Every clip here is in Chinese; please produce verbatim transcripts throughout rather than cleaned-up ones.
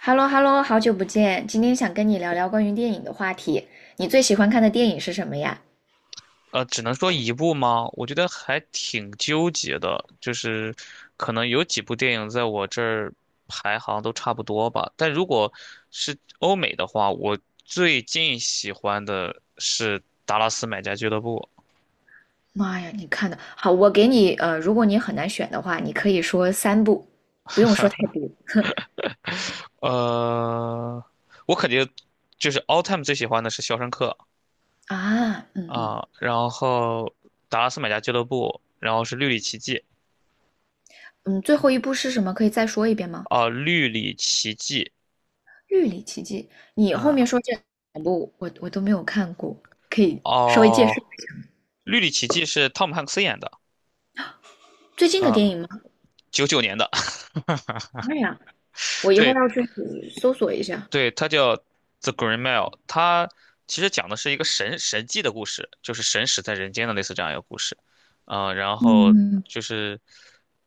哈喽哈喽，好久不见，今天想跟你聊聊关于电影的话题。你最喜欢看的电影是什么呀？呃，只能说一部吗？我觉得还挺纠结的，就是可能有几部电影在我这儿排行都差不多吧。但如果是欧美的话，我最近喜欢的是《达拉斯买家俱乐部》。妈呀，你看的好，我给你呃，如果你很难选的话，你可以说三部，不用说太多。呃，我肯定就是 all time 最喜欢的是《肖申克》啊，嗯嗯啊，然后《达拉斯买家俱乐部》，然后是《绿里奇迹》嗯，最后一部是什么？可以再说一遍吗？啊，《绿里奇迹》《玉里奇迹》，你后嗯，面说这两部我我都没有看过，可以稍微介绍哦，《绿里奇迹》是汤姆汉克斯演的。最近的啊，电影吗？九九年的，妈呀，我一会对，儿要去搜索一下。对，它叫《The Green Mile》,它其实讲的是一个神神迹的故事，就是神使在人间的类似这样一个故事。啊、然后嗯就是，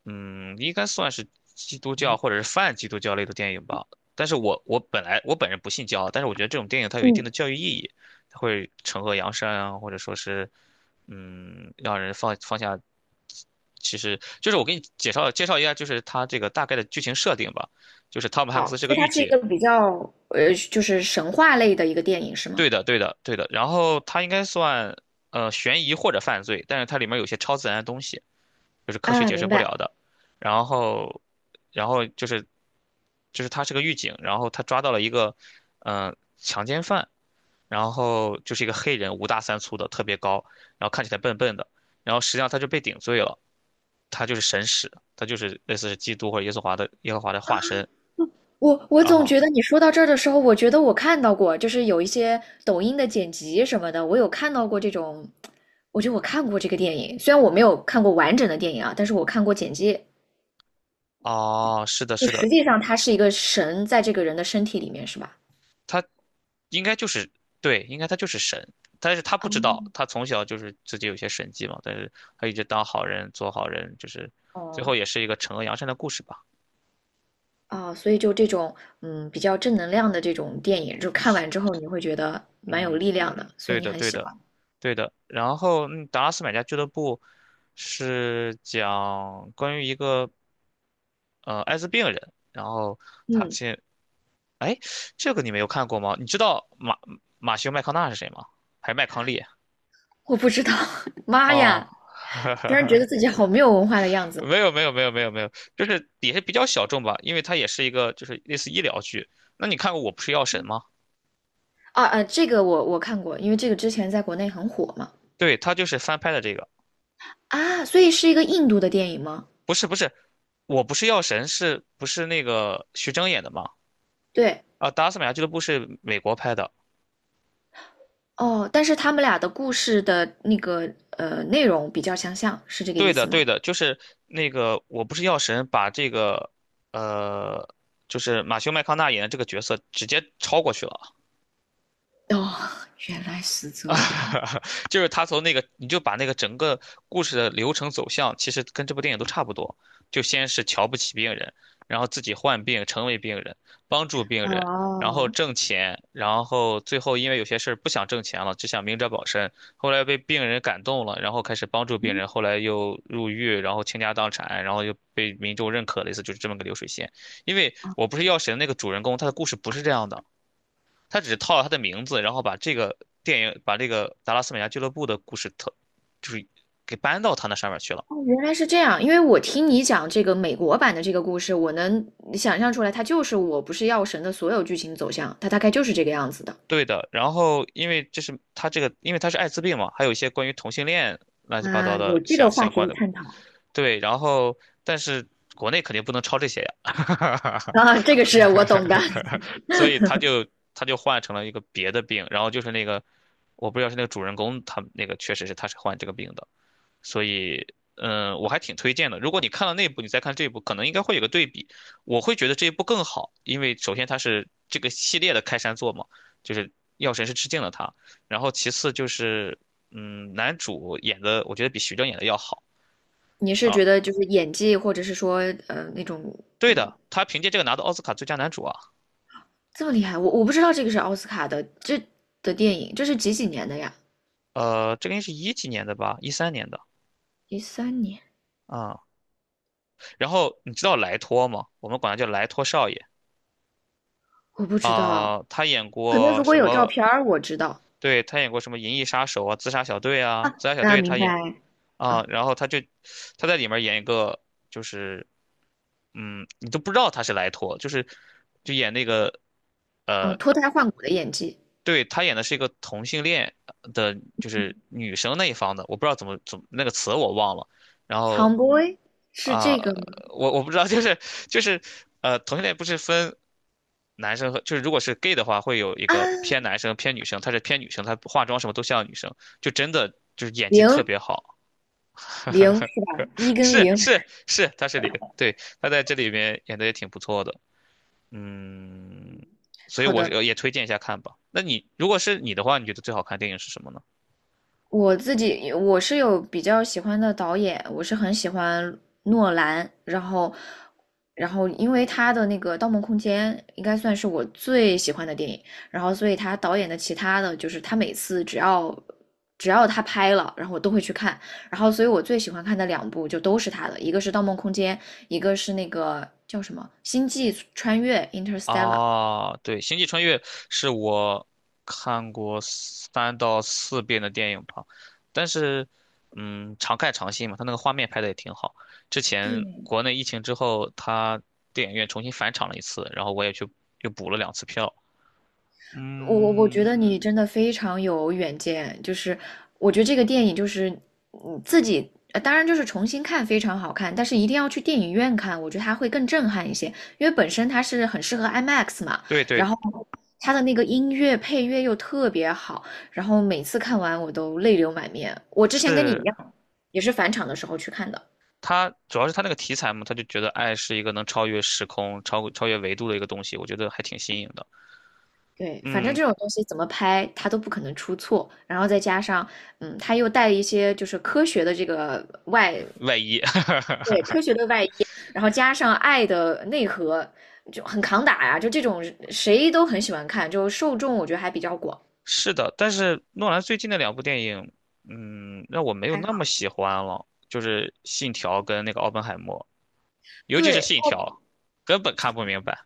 嗯，应该算是基督教或者是泛基督教类的电影吧。但是我我本来我本人不信教啊，但是我觉得这种电影它有一定嗯，的教育意义，它会惩恶扬善啊，或者说是，嗯，让人放放下。其实就是我给你介绍介绍一下，就是它这个大概的剧情设定吧。就是汤姆汉克斯好，是个所以它御是一姐，个比较呃，就是神话类的一个电影，是吗？对的，对的，对的。然后它应该算呃悬疑或者犯罪，但是它里面有些超自然的东西，就是科学啊，解释明不了白。的。然后，然后就是就是他是个狱警，然后他抓到了一个嗯、呃强奸犯，然后就是一个黑人，五大三粗的，特别高，然后看起来笨笨的，然后实际上他就被顶罪了，他就是神使，他就是类似是基督或者耶稣华的耶和华的化身。我我然总后觉得你说到这儿的时候，我觉得我看到过，就是有一些抖音的剪辑什么的，我有看到过这种，我觉得我看过这个电影，虽然我没有看过完整的电影啊，但是我看过剪辑。哦，是的，就是实的，际上它是一个神在这个人的身体里面，是吧？他应该就是对，应该他就是神，但是他不知道，他哦从小就是自己有些神迹嘛，但是他一直当好人，做好人，就是最哦后也是一个惩恶扬善的故事吧。啊，所以就这种嗯比较正能量的这种电影，就看完之后你会觉得蛮有嗯，力量的，所对以你的，很对喜的，欢。对的。然后，嗯达拉斯买家俱乐部是讲关于一个呃艾滋病人，然后他嗯。进，哎，这个你没有看过吗？你知道马马修麦康纳是谁吗？还是麦康利？我不知道，妈哦，呀！突然 觉得自己好没有文化的样子没有没有没有没有没有，就是也是比较小众吧，因为它也是一个就是类似医疗剧。那你看过《我不是药神》吗？啊！呃，这个我我看过，因为这个之前在国内很火嘛。对，它就是翻拍的这个，啊，所以是一个印度的电影吗？不是不是，《我不是药神》是不是那个徐峥演的吗？对，啊，《达斯买亚俱乐部》是美国拍的。哦，但是他们俩的故事的那个呃内容比较相像，是这个对意的思吗？对的，就是那个《我不是药神》把这个呃，就是马修麦康纳演的这个角色直接超过去了。哦，原来是这样。就是他从那个，你就把那个整个故事的流程走向，其实跟这部电影都差不多。就先是瞧不起病人，然后自己患病成为病人，帮助病人，然后哦，挣钱，然后最后因为有些事儿不想挣钱了，只想明哲保身。后来被病人感动了，然后开始帮助病人，后来又入狱，然后倾家荡产，然后又被民众认可，类似就是这么个流水线。因为我不是药神那个主人公，他的故事不是这样的。他只是套了他的名字，然后把这个电影，把这个达拉斯美家俱乐部的故事特，就是给搬到他那上面去了。哦，原来是这样。因为我听你讲这个美国版的这个故事，我能想象出来，它就是《我不是药神》的所有剧情走向，它大概就是这个样子的。对的，然后因为这是他这个，因为他是艾滋病嘛，还有一些关于同性恋乱七八糟啊，有的这相个话相题关的的。探讨。对，然后但是国内肯定不能抄这些呀，啊，这个是我懂的。所以他就他就换成了一个别的病，然后就是那个我不知道是那个主人公他那个确实是他是患这个病的，所以，嗯，我还挺推荐的。如果你看了那部，你再看这部，可能应该会有个对比。我会觉得这一部更好，因为首先它是这个系列的开山作嘛，就是药神是致敬了他。然后其次就是，嗯，男主演的我觉得比徐峥演的要好你是啊。觉得就是演技，或者是说呃那种对的，他凭借这个拿到奥斯卡最佳男主啊。这么厉害？我我不知道这个是奥斯卡的这的电影，这是几几年的呀？呃，这个应该是一几年的吧，一三年的一三年，啊。然后你知道莱托吗？我们管他叫莱托少爷我不知道。啊、他演可能过如果什有照么片儿，我知道对，他演过什么《银翼杀手》啊，《自杀小队》啊，啊《自杀小啊，队》他明白演啊，啊然后他就他在里面演一个，就是嗯，你都不知道他是莱托，就是就演那个啊，呃，脱胎换骨的演技对他演的是一个同性恋的，就是女生那一方的，我不知道怎么怎么那个词我忘了，然后，Tomboy 是啊、这个吗？我我不知道，就是就是呃，同性恋不是分男生和，就是如果是 gay 的话，会有一啊，个偏男生偏女生，他是偏女生，他化妆什么都像女生，就真的就是演技特零别好，零是吧？一跟是零。是是，他是零，对，他在这里面演的也挺不错的，嗯，所以好我的，是也推荐一下看吧。那你如果是你的话，你觉得最好看电影是什么呢？我自己我是有比较喜欢的导演，我是很喜欢诺兰，然后，然后因为他的那个《盗梦空间》应该算是我最喜欢的电影，然后所以他导演的其他的就是他每次只要只要他拍了，然后我都会去看，然后所以我最喜欢看的两部就都是他的，一个是《盗梦空间》，一个是那个叫什么《星际穿越》（Interstellar），啊，对，《星际穿越》是我看过三到四遍的电影吧，但是，嗯，常看常新嘛，它那个画面拍的也挺好。之前国内疫情之后，它电影院重新返场了一次，然后我也去又补了两次票。我我觉嗯，得你真的非常有远见，就是我觉得这个电影就是你自己，呃当然就是重新看非常好看，但是一定要去电影院看，我觉得它会更震撼一些，因为本身它是很适合 IMAX 嘛，对然对，后它的那个音乐配乐又特别好，然后每次看完我都泪流满面。我之前跟你一是样，也是返场的时候去看的。它，主要是它那个题材嘛，他就觉得爱是一个能超越时空、超超越维度的一个东西，我觉得还挺新颖的。对，反正嗯，这种东西怎么拍，它都不可能出错。然后再加上，嗯，它又带一些就是科学的这个外外衣。对，科学的外衣，然后加上爱的内核，就很扛打呀。就这种谁都很喜欢看，就受众我觉得还比较广，是的，但是诺兰最近的两部电影，嗯，让我没有还那么好。喜欢了，就是《信条》跟那个《奥本海默》，尤其是对，《信条》，根本看不明白。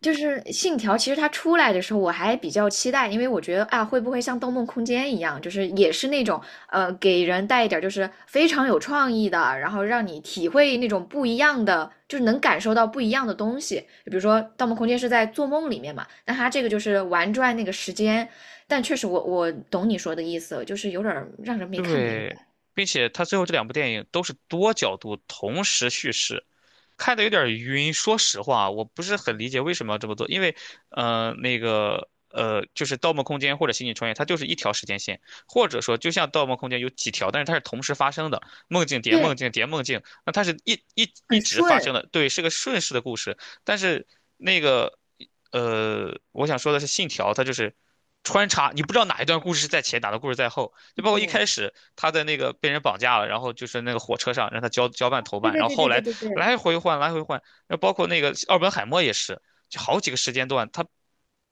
就是信条，其实它出来的时候我还比较期待，因为我觉得啊，会不会像《盗梦空间》一样，就是也是那种呃，给人带一点儿就是非常有创意的，然后让你体会那种不一样的，就是能感受到不一样的东西。比如说《盗梦空间》是在做梦里面嘛，那它这个就是玩转那个时间，但确实我我懂你说的意思，就是有点儿让人没看明对，白。并且他最后这两部电影都是多角度同时叙事，看的有点晕。说实话，我不是很理解为什么要这么做，因为，呃，那个，呃，就是《盗梦空间》或者《星际穿越》，它就是一条时间线，或者说就像《盗梦空间》有几条，但是它是同时发生的，梦境叠梦对，境叠梦境，那它是一一一很直发顺。生的，对，是个顺势的故事。但是那个，呃，我想说的是，《信条》它就是。穿插，你不知道哪一段故事是在前，哪段故事在后，就包括一开始他在那个被人绑架了，然后就是那个火车上让他交交办投对办，对然后对后对对来对对，来回换，来回换。那包括那个奥本海默也是，就好几个时间段，他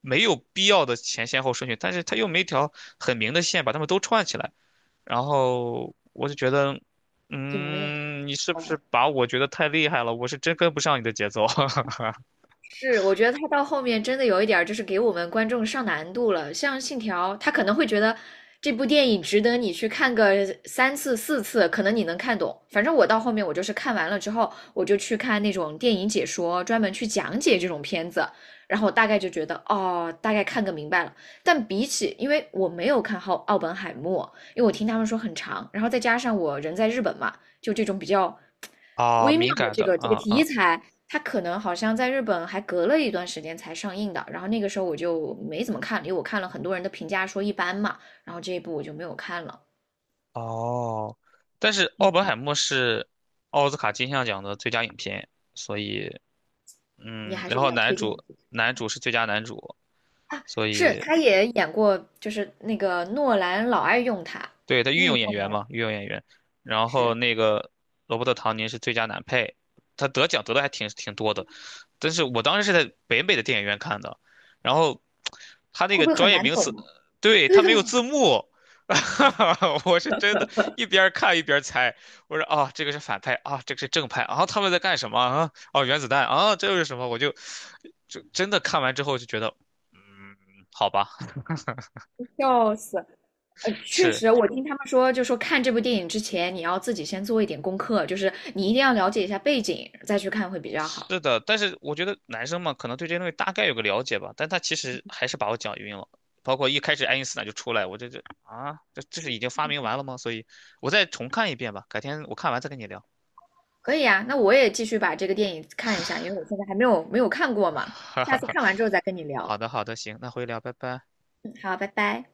没有必要的前先后顺序，但是他又没一条很明的线把他们都串起来。然后我就觉得，就没有那么嗯，你喜是不是欢。把我觉得太厉害了？我是真跟不上你的节奏 是，我觉得他到后面真的有一点儿就是给我们观众上难度了。像《信条》，他可能会觉得这部电影值得你去看个三次四次，可能你能看懂。反正我到后面我就是看完了之后，我就去看那种电影解说，专门去讲解这种片子，然后我大概就觉得哦，大概看个明白了。但比起，因为我没有看好《奥本海默》，因为我听他们说很长，然后再加上我人在日本嘛，就这种比较 啊，微妙敏的感这的个这个啊题啊材，它可能好像在日本还隔了一段时间才上映的。然后那个时候我就没怎么看，因为我看了很多人的评价说一般嘛，然后这一部我就没有看了。哦。但是奥嗯，本海默是奥斯卡金像奖的最佳影片，所以你嗯，还是然比后较男推荐的主男主是最佳男主，啊。所是，以。他也演过，就是那个诺兰老爱用他，对，他御御用演员用嘛，御用演员。然后是那个罗伯特·唐尼是最佳男配，他得奖得的还挺挺多的。但是我当时是在北美的电影院看的，然后 他那会个不会很专业难名词，懂啊？对，对他的，没有字幕，我是真的，一边看一边猜。我说啊，这个是反派啊，这个是正派啊，他们在干什么啊？哦，原子弹啊，这又是什么？我就就真的看完之后就觉得，嗯，好吧，笑死。呃，确是实，我听他们说，就说看这部电影之前，你要自己先做一点功课，就是你一定要了解一下背景，再去看会比较好。是的，但是我觉得男生嘛，可能对这些东西大概有个了解吧，但他其实还是把我讲晕了。包括一开始爱因斯坦就出来，我这这啊，这这是已经发明完了吗？所以我再重看一遍吧，改天我看完再跟你聊。可以啊，那我也继续把这个电影看一下，因为我现在还没有没有看 过嘛，哈哈下次哈。看完之后再跟你聊。好的，好的，行，那回聊，拜拜。嗯，好，拜拜。